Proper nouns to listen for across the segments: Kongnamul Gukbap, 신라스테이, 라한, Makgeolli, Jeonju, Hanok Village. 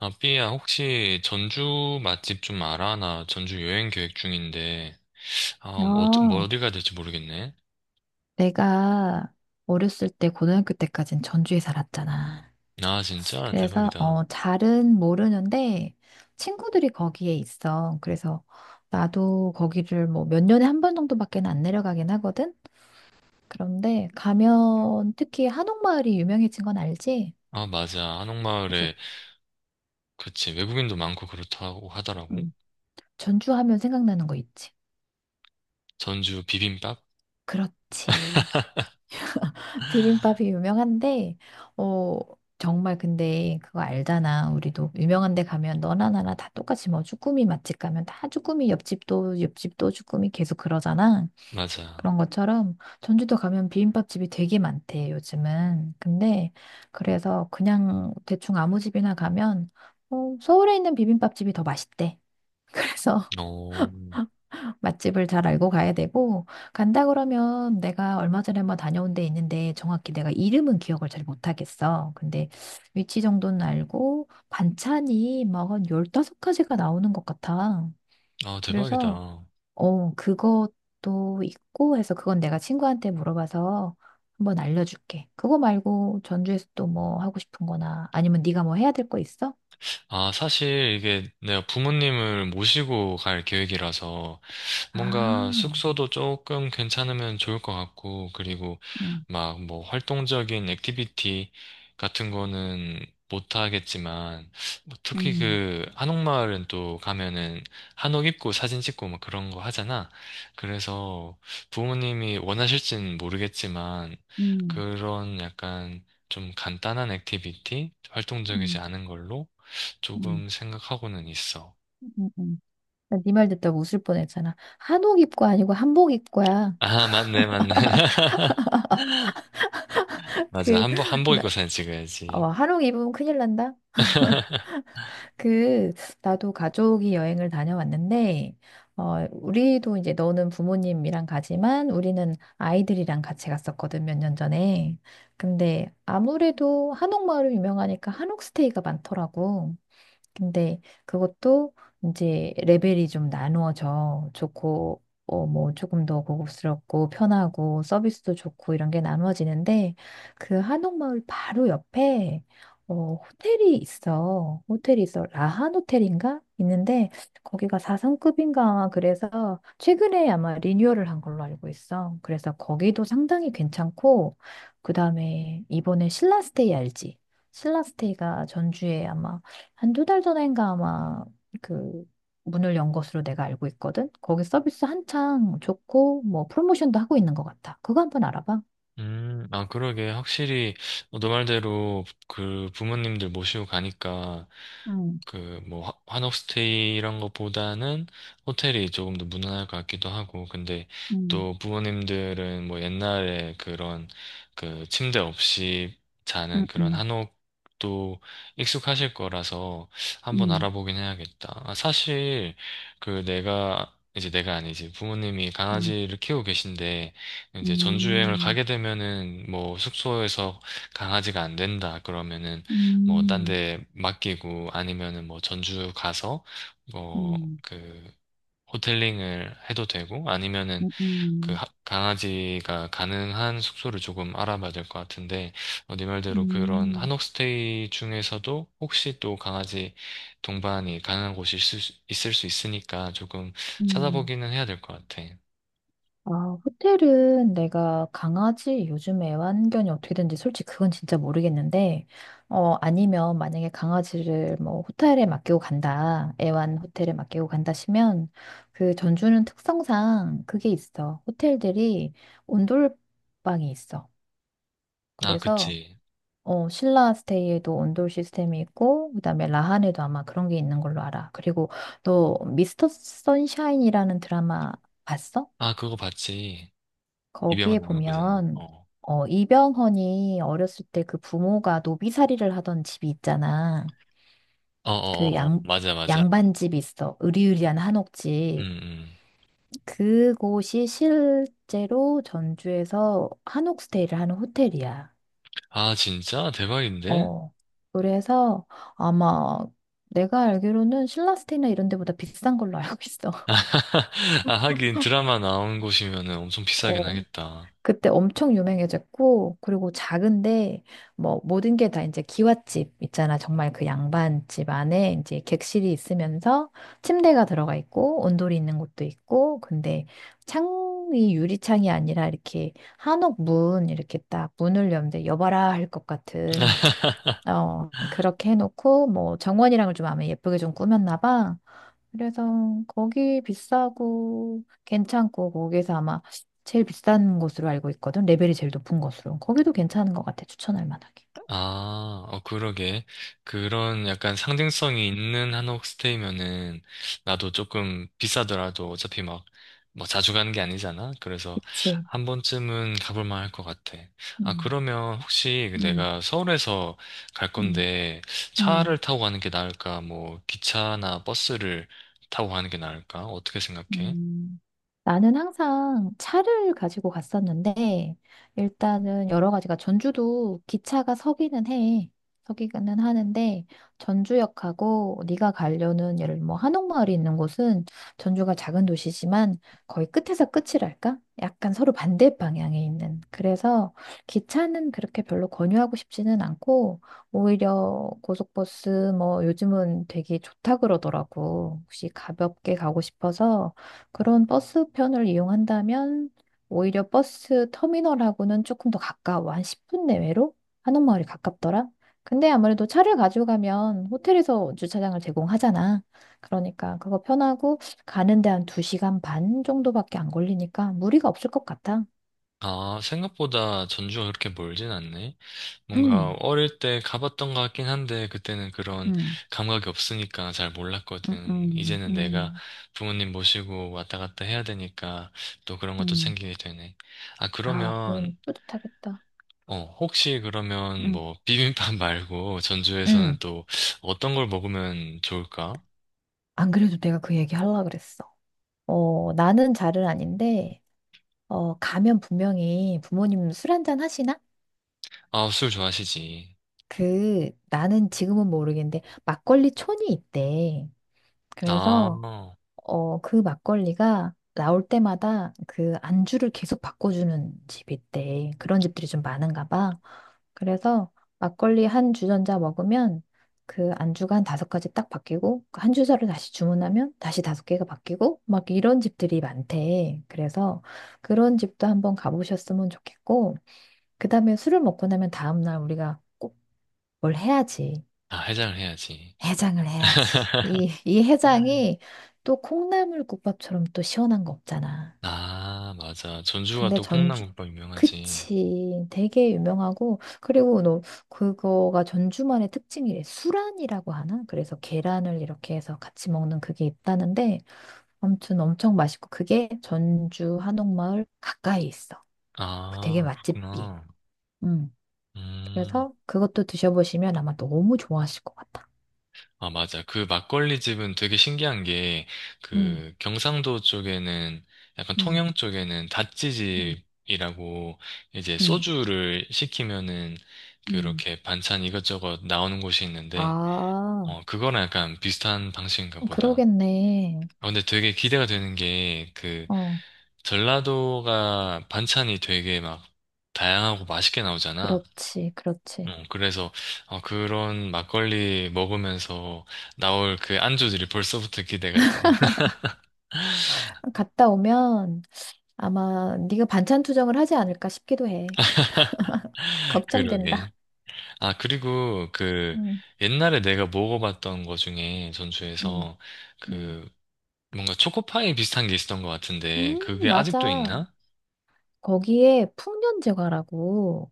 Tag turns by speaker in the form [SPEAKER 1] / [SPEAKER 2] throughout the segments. [SPEAKER 1] 아, 삐야, 혹시 전주 맛집 좀 알아? 나 전주 여행 계획 중인데, 아, 뭐, 뭐
[SPEAKER 2] 어,
[SPEAKER 1] 어디 가야 될지 모르겠네.
[SPEAKER 2] 내가 어렸을 때 고등학교 때까진 전주에 살았잖아.
[SPEAKER 1] 아, 진짜?
[SPEAKER 2] 그래서
[SPEAKER 1] 대박이다.
[SPEAKER 2] 잘은 모르는데 친구들이 거기에 있어. 그래서 나도 거기를 뭐 몇 년에 한 번 정도밖에 안 내려가긴 하거든. 그런데 가면 특히 한옥마을이 유명해진 건 알지?
[SPEAKER 1] 아, 맞아.
[SPEAKER 2] 그래서
[SPEAKER 1] 한옥마을에, 그치. 외국인도 많고 그렇다고 하더라고.
[SPEAKER 2] 음. 전주 하면 생각나는 거 있지.
[SPEAKER 1] 전주 비빔밥?
[SPEAKER 2] 그렇지. 비빔밥이 유명한데, 어, 정말 근데 그거 알잖아. 우리도 유명한 데 가면 너나 나나 다 똑같이 뭐 쭈꾸미 맛집 가면 다 쭈꾸미 옆집도 쭈꾸미 계속 그러잖아.
[SPEAKER 1] 맞아.
[SPEAKER 2] 그런 것처럼 전주도 가면 비빔밥집이 되게 많대, 요즘은. 근데 그래서 그냥 대충 아무 집이나 가면 서울에 있는 비빔밥집이 더 맛있대. 그래서
[SPEAKER 1] 어,
[SPEAKER 2] 맛집을 잘 알고 가야 되고, 간다 그러면 내가 얼마 전에 한번 다녀온 데 있는데 정확히 내가 이름은 기억을 잘 못하겠어. 근데 위치 정도는 알고, 반찬이 막 한 15가지가 나오는 것 같아.
[SPEAKER 1] 아,
[SPEAKER 2] 그래서,
[SPEAKER 1] 대박이다.
[SPEAKER 2] 그것도 있고 해서 그건 내가 친구한테 물어봐서 한번 알려줄게. 그거 말고 전주에서 또 뭐 하고 싶은 거나 아니면 네가 뭐 해야 될 거 있어?
[SPEAKER 1] 아, 사실 이게 내가 부모님을 모시고 갈 계획이라서, 뭔가
[SPEAKER 2] 아,
[SPEAKER 1] 숙소도 조금 괜찮으면 좋을 것 같고, 그리고
[SPEAKER 2] 음,
[SPEAKER 1] 막 뭐 활동적인 액티비티 같은 거는 못 하겠지만, 뭐 특히
[SPEAKER 2] 음,
[SPEAKER 1] 그 한옥마을은 또 가면은 한옥 입고 사진 찍고 막 그런 거 하잖아. 그래서 부모님이 원하실진 모르겠지만,
[SPEAKER 2] 음,
[SPEAKER 1] 그런 약간 좀 간단한 액티비티? 활동적이지
[SPEAKER 2] 음,
[SPEAKER 1] 않은 걸로
[SPEAKER 2] 음,
[SPEAKER 1] 조금 생각하고는 있어.
[SPEAKER 2] 음, 음. 네 말 듣다 가 웃을 뻔했잖아. 한옥 입고 아니고 한복 입고야.
[SPEAKER 1] 아, 맞네, 맞네. 맞아.
[SPEAKER 2] 그,
[SPEAKER 1] 한복
[SPEAKER 2] 나,
[SPEAKER 1] 입고 사진 찍어야지.
[SPEAKER 2] 한옥 입으면 큰일 난다. 그, 나도 가족이 여행을 다녀왔는데, 우리도 이제 너는 부모님이랑 가지만 우리는 아이들이랑 같이 갔었거든, 몇 년 전에. 근데 아무래도 한옥마을이 유명하니까 한옥 스테이가 많더라고. 근데 그것도 이제 레벨이 좀 나누어져 좋고 뭐 조금 더 고급스럽고 편하고 서비스도 좋고 이런 게 나누어지는데 그 한옥마을 바로 옆에 호텔이 있어. 라한 호텔인가? 있는데 거기가 4성급인가 그래서 최근에 아마 리뉴얼을 한 걸로 알고 있어. 그래서 거기도 상당히 괜찮고 그다음에 이번에 신라스테이 알지? 신라스테이가 전주에 아마 한 2달 전인가 아마 그 문을 연 것으로 내가 알고 있거든. 거기 서비스 한창 좋고 뭐 프로모션도 하고 있는 것 같아. 그거 한번 알아봐.
[SPEAKER 1] 아, 그러게. 확실히, 너 말대로, 그, 부모님들 모시고 가니까,
[SPEAKER 2] 음,
[SPEAKER 1] 그, 뭐, 한옥스테이 이런 것보다는 호텔이 조금 더 무난할 것 같기도 하고, 근데
[SPEAKER 2] 음,
[SPEAKER 1] 또 부모님들은 뭐 옛날에 그런, 그, 침대 없이 자는
[SPEAKER 2] 음,
[SPEAKER 1] 그런
[SPEAKER 2] 음,
[SPEAKER 1] 한옥도 익숙하실 거라서 한번
[SPEAKER 2] 음,
[SPEAKER 1] 알아보긴 해야겠다. 아, 사실, 그, 내가, 이제 내가 아니지. 부모님이
[SPEAKER 2] 음,
[SPEAKER 1] 강아지를 키우고 계신데, 이제 전주여행을
[SPEAKER 2] 음,
[SPEAKER 1] 가게 되면은 뭐 숙소에서 강아지가 안 된다 그러면은 뭐 딴
[SPEAKER 2] 음,
[SPEAKER 1] 데 맡기고 아니면은 뭐 전주 가서 뭐
[SPEAKER 2] 음,
[SPEAKER 1] 그 호텔링을 해도 되고 아니면은 그
[SPEAKER 2] 음,
[SPEAKER 1] 강아지가 가능한 숙소를 조금 알아봐야 될 것 같은데 어, 네
[SPEAKER 2] 음,
[SPEAKER 1] 말대로 그런
[SPEAKER 2] 음,
[SPEAKER 1] 한옥스테이 중에서도 혹시 또 강아지 동반이 가능한 곳이 있을 수 있으니까 조금
[SPEAKER 2] 음.
[SPEAKER 1] 찾아보기는 해야 될 것 같아.
[SPEAKER 2] 아, 호텔은 내가 강아지 요즘 애완견이 어떻게 되는지 솔직히 그건 진짜 모르겠는데, 아니면 만약에 강아지를 뭐 호텔에 맡기고 간다, 애완 호텔에 맡기고 간다 시면, 그 전주는 특성상 그게 있어. 호텔들이 온돌방이 있어.
[SPEAKER 1] 아,
[SPEAKER 2] 그래서,
[SPEAKER 1] 그치.
[SPEAKER 2] 신라 스테이에도 온돌 시스템이 있고, 그다음에 라한에도 아마 그런 게 있는 걸로 알아. 그리고 너 미스터 선샤인이라는 드라마 봤어?
[SPEAKER 1] 아, 그거 봤지.
[SPEAKER 2] 거기에
[SPEAKER 1] 입에만 나오는 거잖아.
[SPEAKER 2] 보면
[SPEAKER 1] 어.
[SPEAKER 2] 이병헌이 어렸을 때 그 부모가 노비살이를 하던 집이 있잖아.
[SPEAKER 1] 어,
[SPEAKER 2] 그
[SPEAKER 1] 어, 어,
[SPEAKER 2] 양,
[SPEAKER 1] 맞아, 맞아.
[SPEAKER 2] 양반집이 있어. 으리으리한 한옥집.
[SPEAKER 1] 음, 음.
[SPEAKER 2] 그곳이 실제로 전주에서 한옥 스테이를 하는 호텔이야.
[SPEAKER 1] 아, 진짜? 대박인데?
[SPEAKER 2] 어. 그래서 아마 내가 알기로는 신라스테이나 이런 데보다 비싼 걸로 알고 있어.
[SPEAKER 1] 아, 하긴 드라마 나온 곳이면은 엄청 비싸긴
[SPEAKER 2] 어.
[SPEAKER 1] 하겠다.
[SPEAKER 2] 그때 엄청 유명해졌고, 그리고 작은데, 뭐, 모든 게 다 이제 기와집 있잖아. 정말 그 양반집 안에 이제 객실이 있으면서 침대가 들어가 있고, 온돌이 있는 곳도 있고, 근데 창이 유리창이 아니라 이렇게 한옥 문, 이렇게 딱 문을 열는데 여봐라 할 것 같은, 그렇게 해놓고, 뭐, 정원이랑을 좀 아마 예쁘게 좀 꾸몄나 봐. 그래서 거기 비싸고 괜찮고 거기서 아마 제일 비싼 곳으로 알고 있거든. 레벨이 제일 높은 곳으로. 거기도 괜찮은 것 같아. 추천할 만하게.
[SPEAKER 1] 아, 어, 그러게. 그런 약간 상징성이 있는 한옥스테이면은 나도 조금 비싸더라도 어차피 막, 뭐 자주 가는 게 아니잖아? 그래서
[SPEAKER 2] 그치.
[SPEAKER 1] 한 번쯤은 가볼 만할 것 같아. 아,
[SPEAKER 2] 음.
[SPEAKER 1] 그러면 혹시 그
[SPEAKER 2] 음,
[SPEAKER 1] 내가 서울에서 갈
[SPEAKER 2] 음,
[SPEAKER 1] 건데
[SPEAKER 2] 음.
[SPEAKER 1] 차를 타고 가는 게 나을까? 뭐 기차나 버스를 타고 가는 게 나을까? 어떻게 생각해?
[SPEAKER 2] 음, 나는 항상 차를 가지고 갔었는데, 일단은 여러 가지가, 전주도 기차가 서기는 해. 서기는 하는데, 전주역하고 네가 가려는 예를 뭐 한옥마을이 있는 곳은 전주가 작은 도시지만 거의 끝에서 끝이랄까? 약간 서로 반대 방향에 있는. 그래서 기차는 그렇게 별로 권유하고 싶지는 않고, 오히려 고속버스 뭐 요즘은 되게 좋다 그러더라고. 혹시 가볍게 가고 싶어서 그런 버스편을 이용한다면 오히려 버스 터미널하고는 조금 더 가까워. 한 10분 내외로 한옥마을이 가깝더라. 근데 아무래도 차를 가지고 가면 호텔에서 주차장을 제공하잖아. 그러니까 그거 편하고 가는데 한 2시간 반 정도밖에 안 걸리니까 무리가 없을 것 같아.
[SPEAKER 1] 아, 생각보다 전주가 그렇게 멀진 않네. 뭔가
[SPEAKER 2] 음,
[SPEAKER 1] 어릴 때 가봤던 것 같긴 한데 그때는 그런
[SPEAKER 2] 음,
[SPEAKER 1] 감각이 없으니까 잘
[SPEAKER 2] 음,
[SPEAKER 1] 몰랐거든.
[SPEAKER 2] 음,
[SPEAKER 1] 이제는 내가
[SPEAKER 2] 음,
[SPEAKER 1] 부모님 모시고 왔다 갔다 해야 되니까 또 그런 것도
[SPEAKER 2] 음,
[SPEAKER 1] 챙기게 되네. 아,
[SPEAKER 2] 아,
[SPEAKER 1] 그러면
[SPEAKER 2] 그건 뿌듯하겠다.
[SPEAKER 1] 어, 혹시 그러면
[SPEAKER 2] 음.
[SPEAKER 1] 뭐 비빔밥 말고 전주에서는
[SPEAKER 2] 음.
[SPEAKER 1] 또 어떤 걸 먹으면 좋을까?
[SPEAKER 2] 안 그래도 내가 그 얘기 하려고 그랬어. 나는 잘은 아닌데 가면 분명히 부모님 술 한잔 하시나?
[SPEAKER 1] 아, 술 좋아하시지.
[SPEAKER 2] 그, 나는 지금은 모르겠는데, 막걸리 촌이 있대.
[SPEAKER 1] 아,
[SPEAKER 2] 그래서, 그 막걸리가 나올 때마다 그 안주를 계속 바꿔주는 집이 있대. 그런 집들이 좀 많은가 봐. 그래서 막걸리 한 주전자 먹으면 그 안주가 한 5가지 딱 바뀌고, 그한 주자를 다시 주문하면 다시 다섯 개가 바뀌고, 막 이런 집들이 많대. 그래서 그런 집도 한번 가보셨으면 좋겠고, 그 다음에 술을 먹고 나면 다음날 우리가 꼭 뭘 해야지.
[SPEAKER 1] 아, 해장을 해야지.
[SPEAKER 2] 해장을 해야지. 이 해장이 또 콩나물국밥처럼 또 시원한 거 없잖아.
[SPEAKER 1] 아, 맞아. 전주가
[SPEAKER 2] 근데
[SPEAKER 1] 또
[SPEAKER 2] 전주,
[SPEAKER 1] 콩나물국밥 유명하지.
[SPEAKER 2] 그치. 되게 유명하고, 그리고 너, 그거가 전주만의 특징이래. 수란이라고 하나? 그래서 계란을 이렇게 해서 같이 먹는 그게 있다는데, 아무튼 엄청 맛있고, 그게 전주 한옥마을 가까이 있어. 되게
[SPEAKER 1] 아,
[SPEAKER 2] 맛집이.
[SPEAKER 1] 그렇구나.
[SPEAKER 2] 음.
[SPEAKER 1] 음,
[SPEAKER 2] 그래서 그것도 드셔보시면 아마 너무 좋아하실 것 같아.
[SPEAKER 1] 아, 맞아. 그 막걸리 집은 되게 신기한 게,
[SPEAKER 2] 음,
[SPEAKER 1] 그 경상도 쪽에는, 약간
[SPEAKER 2] 음,
[SPEAKER 1] 통영 쪽에는
[SPEAKER 2] 음,
[SPEAKER 1] 다찌집이라고, 이제
[SPEAKER 2] 음,
[SPEAKER 1] 소주를 시키면은,
[SPEAKER 2] 음.
[SPEAKER 1] 그렇게 반찬 이것저것 나오는 곳이 있는데,
[SPEAKER 2] 아,
[SPEAKER 1] 어, 그거랑 약간 비슷한 방식인가
[SPEAKER 2] 어,
[SPEAKER 1] 보다.
[SPEAKER 2] 그러겠네.
[SPEAKER 1] 아, 근데 되게 기대가 되는 게, 그,
[SPEAKER 2] 어,
[SPEAKER 1] 전라도가 반찬이 되게 막 다양하고 맛있게 나오잖아.
[SPEAKER 2] 그렇지, 그렇지.
[SPEAKER 1] 어, 그래서 어, 그런 막걸리 먹으면서 나올 그 안주들이 벌써부터 기대가 돼.
[SPEAKER 2] 갔다 오면 아마 네가 반찬 투정을 하지 않을까 싶기도 해.
[SPEAKER 1] 그러게.
[SPEAKER 2] 걱정된다.
[SPEAKER 1] 아, 그리고 그
[SPEAKER 2] 음,
[SPEAKER 1] 옛날에 내가 먹어봤던 거 중에
[SPEAKER 2] 음,
[SPEAKER 1] 전주에서
[SPEAKER 2] 음.
[SPEAKER 1] 그 뭔가 초코파이 비슷한 게 있었던 것 같은데 그게 아직도
[SPEAKER 2] 맞아.
[SPEAKER 1] 있나?
[SPEAKER 2] 거기에 풍년제과라고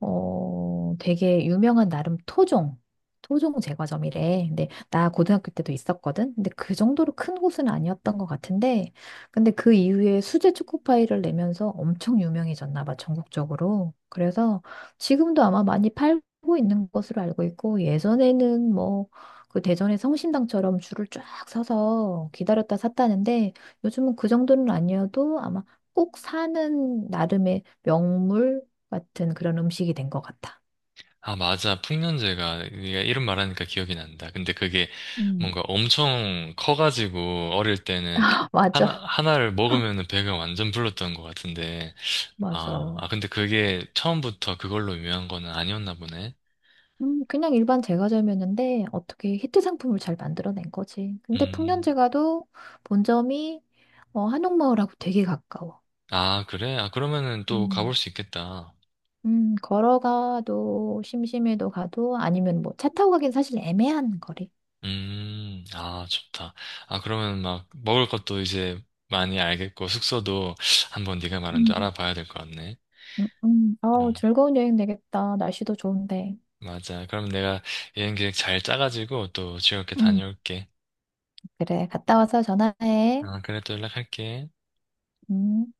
[SPEAKER 2] 되게 유명한 나름 토종 제과점이래. 근데 나 고등학교 때도 있었거든. 근데 그 정도로 큰 곳은 아니었던 것 같은데, 근데 그 이후에 수제 초코파이를 내면서 엄청 유명해졌나 봐, 전국적으로. 그래서 지금도 아마 많이 팔고 있는 것으로 알고 있고, 예전에는 뭐, 그 대전의 성심당처럼 줄을 쫙 서서 기다렸다 샀다는데, 요즘은 그 정도는 아니어도 아마 꼭 사는 나름의 명물, 같은 그런 음식이 된 것 같아.
[SPEAKER 1] 아, 맞아. 풍년제가 네가 이름 말하니까 기억이 난다. 근데 그게
[SPEAKER 2] 음.
[SPEAKER 1] 뭔가 엄청 커가지고 어릴 때는 하나,
[SPEAKER 2] 맞아.
[SPEAKER 1] 하나를 먹으면 배가 완전 불렀던 것 같은데 아,
[SPEAKER 2] 맞아.
[SPEAKER 1] 아, 근데 그게 처음부터 그걸로 유명한 거는 아니었나 보네.
[SPEAKER 2] 그냥 일반 제과점이었는데 어떻게 히트 상품을 잘 만들어낸 거지. 근데
[SPEAKER 1] 음,
[SPEAKER 2] 풍년제과도 본점이 한옥마을하고 되게 가까워.
[SPEAKER 1] 아, 그래? 아, 그러면은 또 가볼
[SPEAKER 2] 음.
[SPEAKER 1] 수 있겠다.
[SPEAKER 2] 걸어가도 심심해도 가도 아니면 뭐 차 타고 가긴 사실 애매한 거리.
[SPEAKER 1] 아, 좋다. 아, 그러면 막 먹을 것도 이제 많이 알겠고, 숙소도 한번 네가 말한 줄
[SPEAKER 2] 음.
[SPEAKER 1] 알아봐야 될 것 같네. 어,
[SPEAKER 2] 어우, 즐거운 여행 되겠다. 날씨도 좋은데.
[SPEAKER 1] 맞아. 그럼 내가 여행 계획 잘 짜가지고 또 즐겁게
[SPEAKER 2] 음,
[SPEAKER 1] 다녀올게.
[SPEAKER 2] 그래. 갔다 와서 전화해.
[SPEAKER 1] 아, 그래, 또 연락할게.
[SPEAKER 2] 음.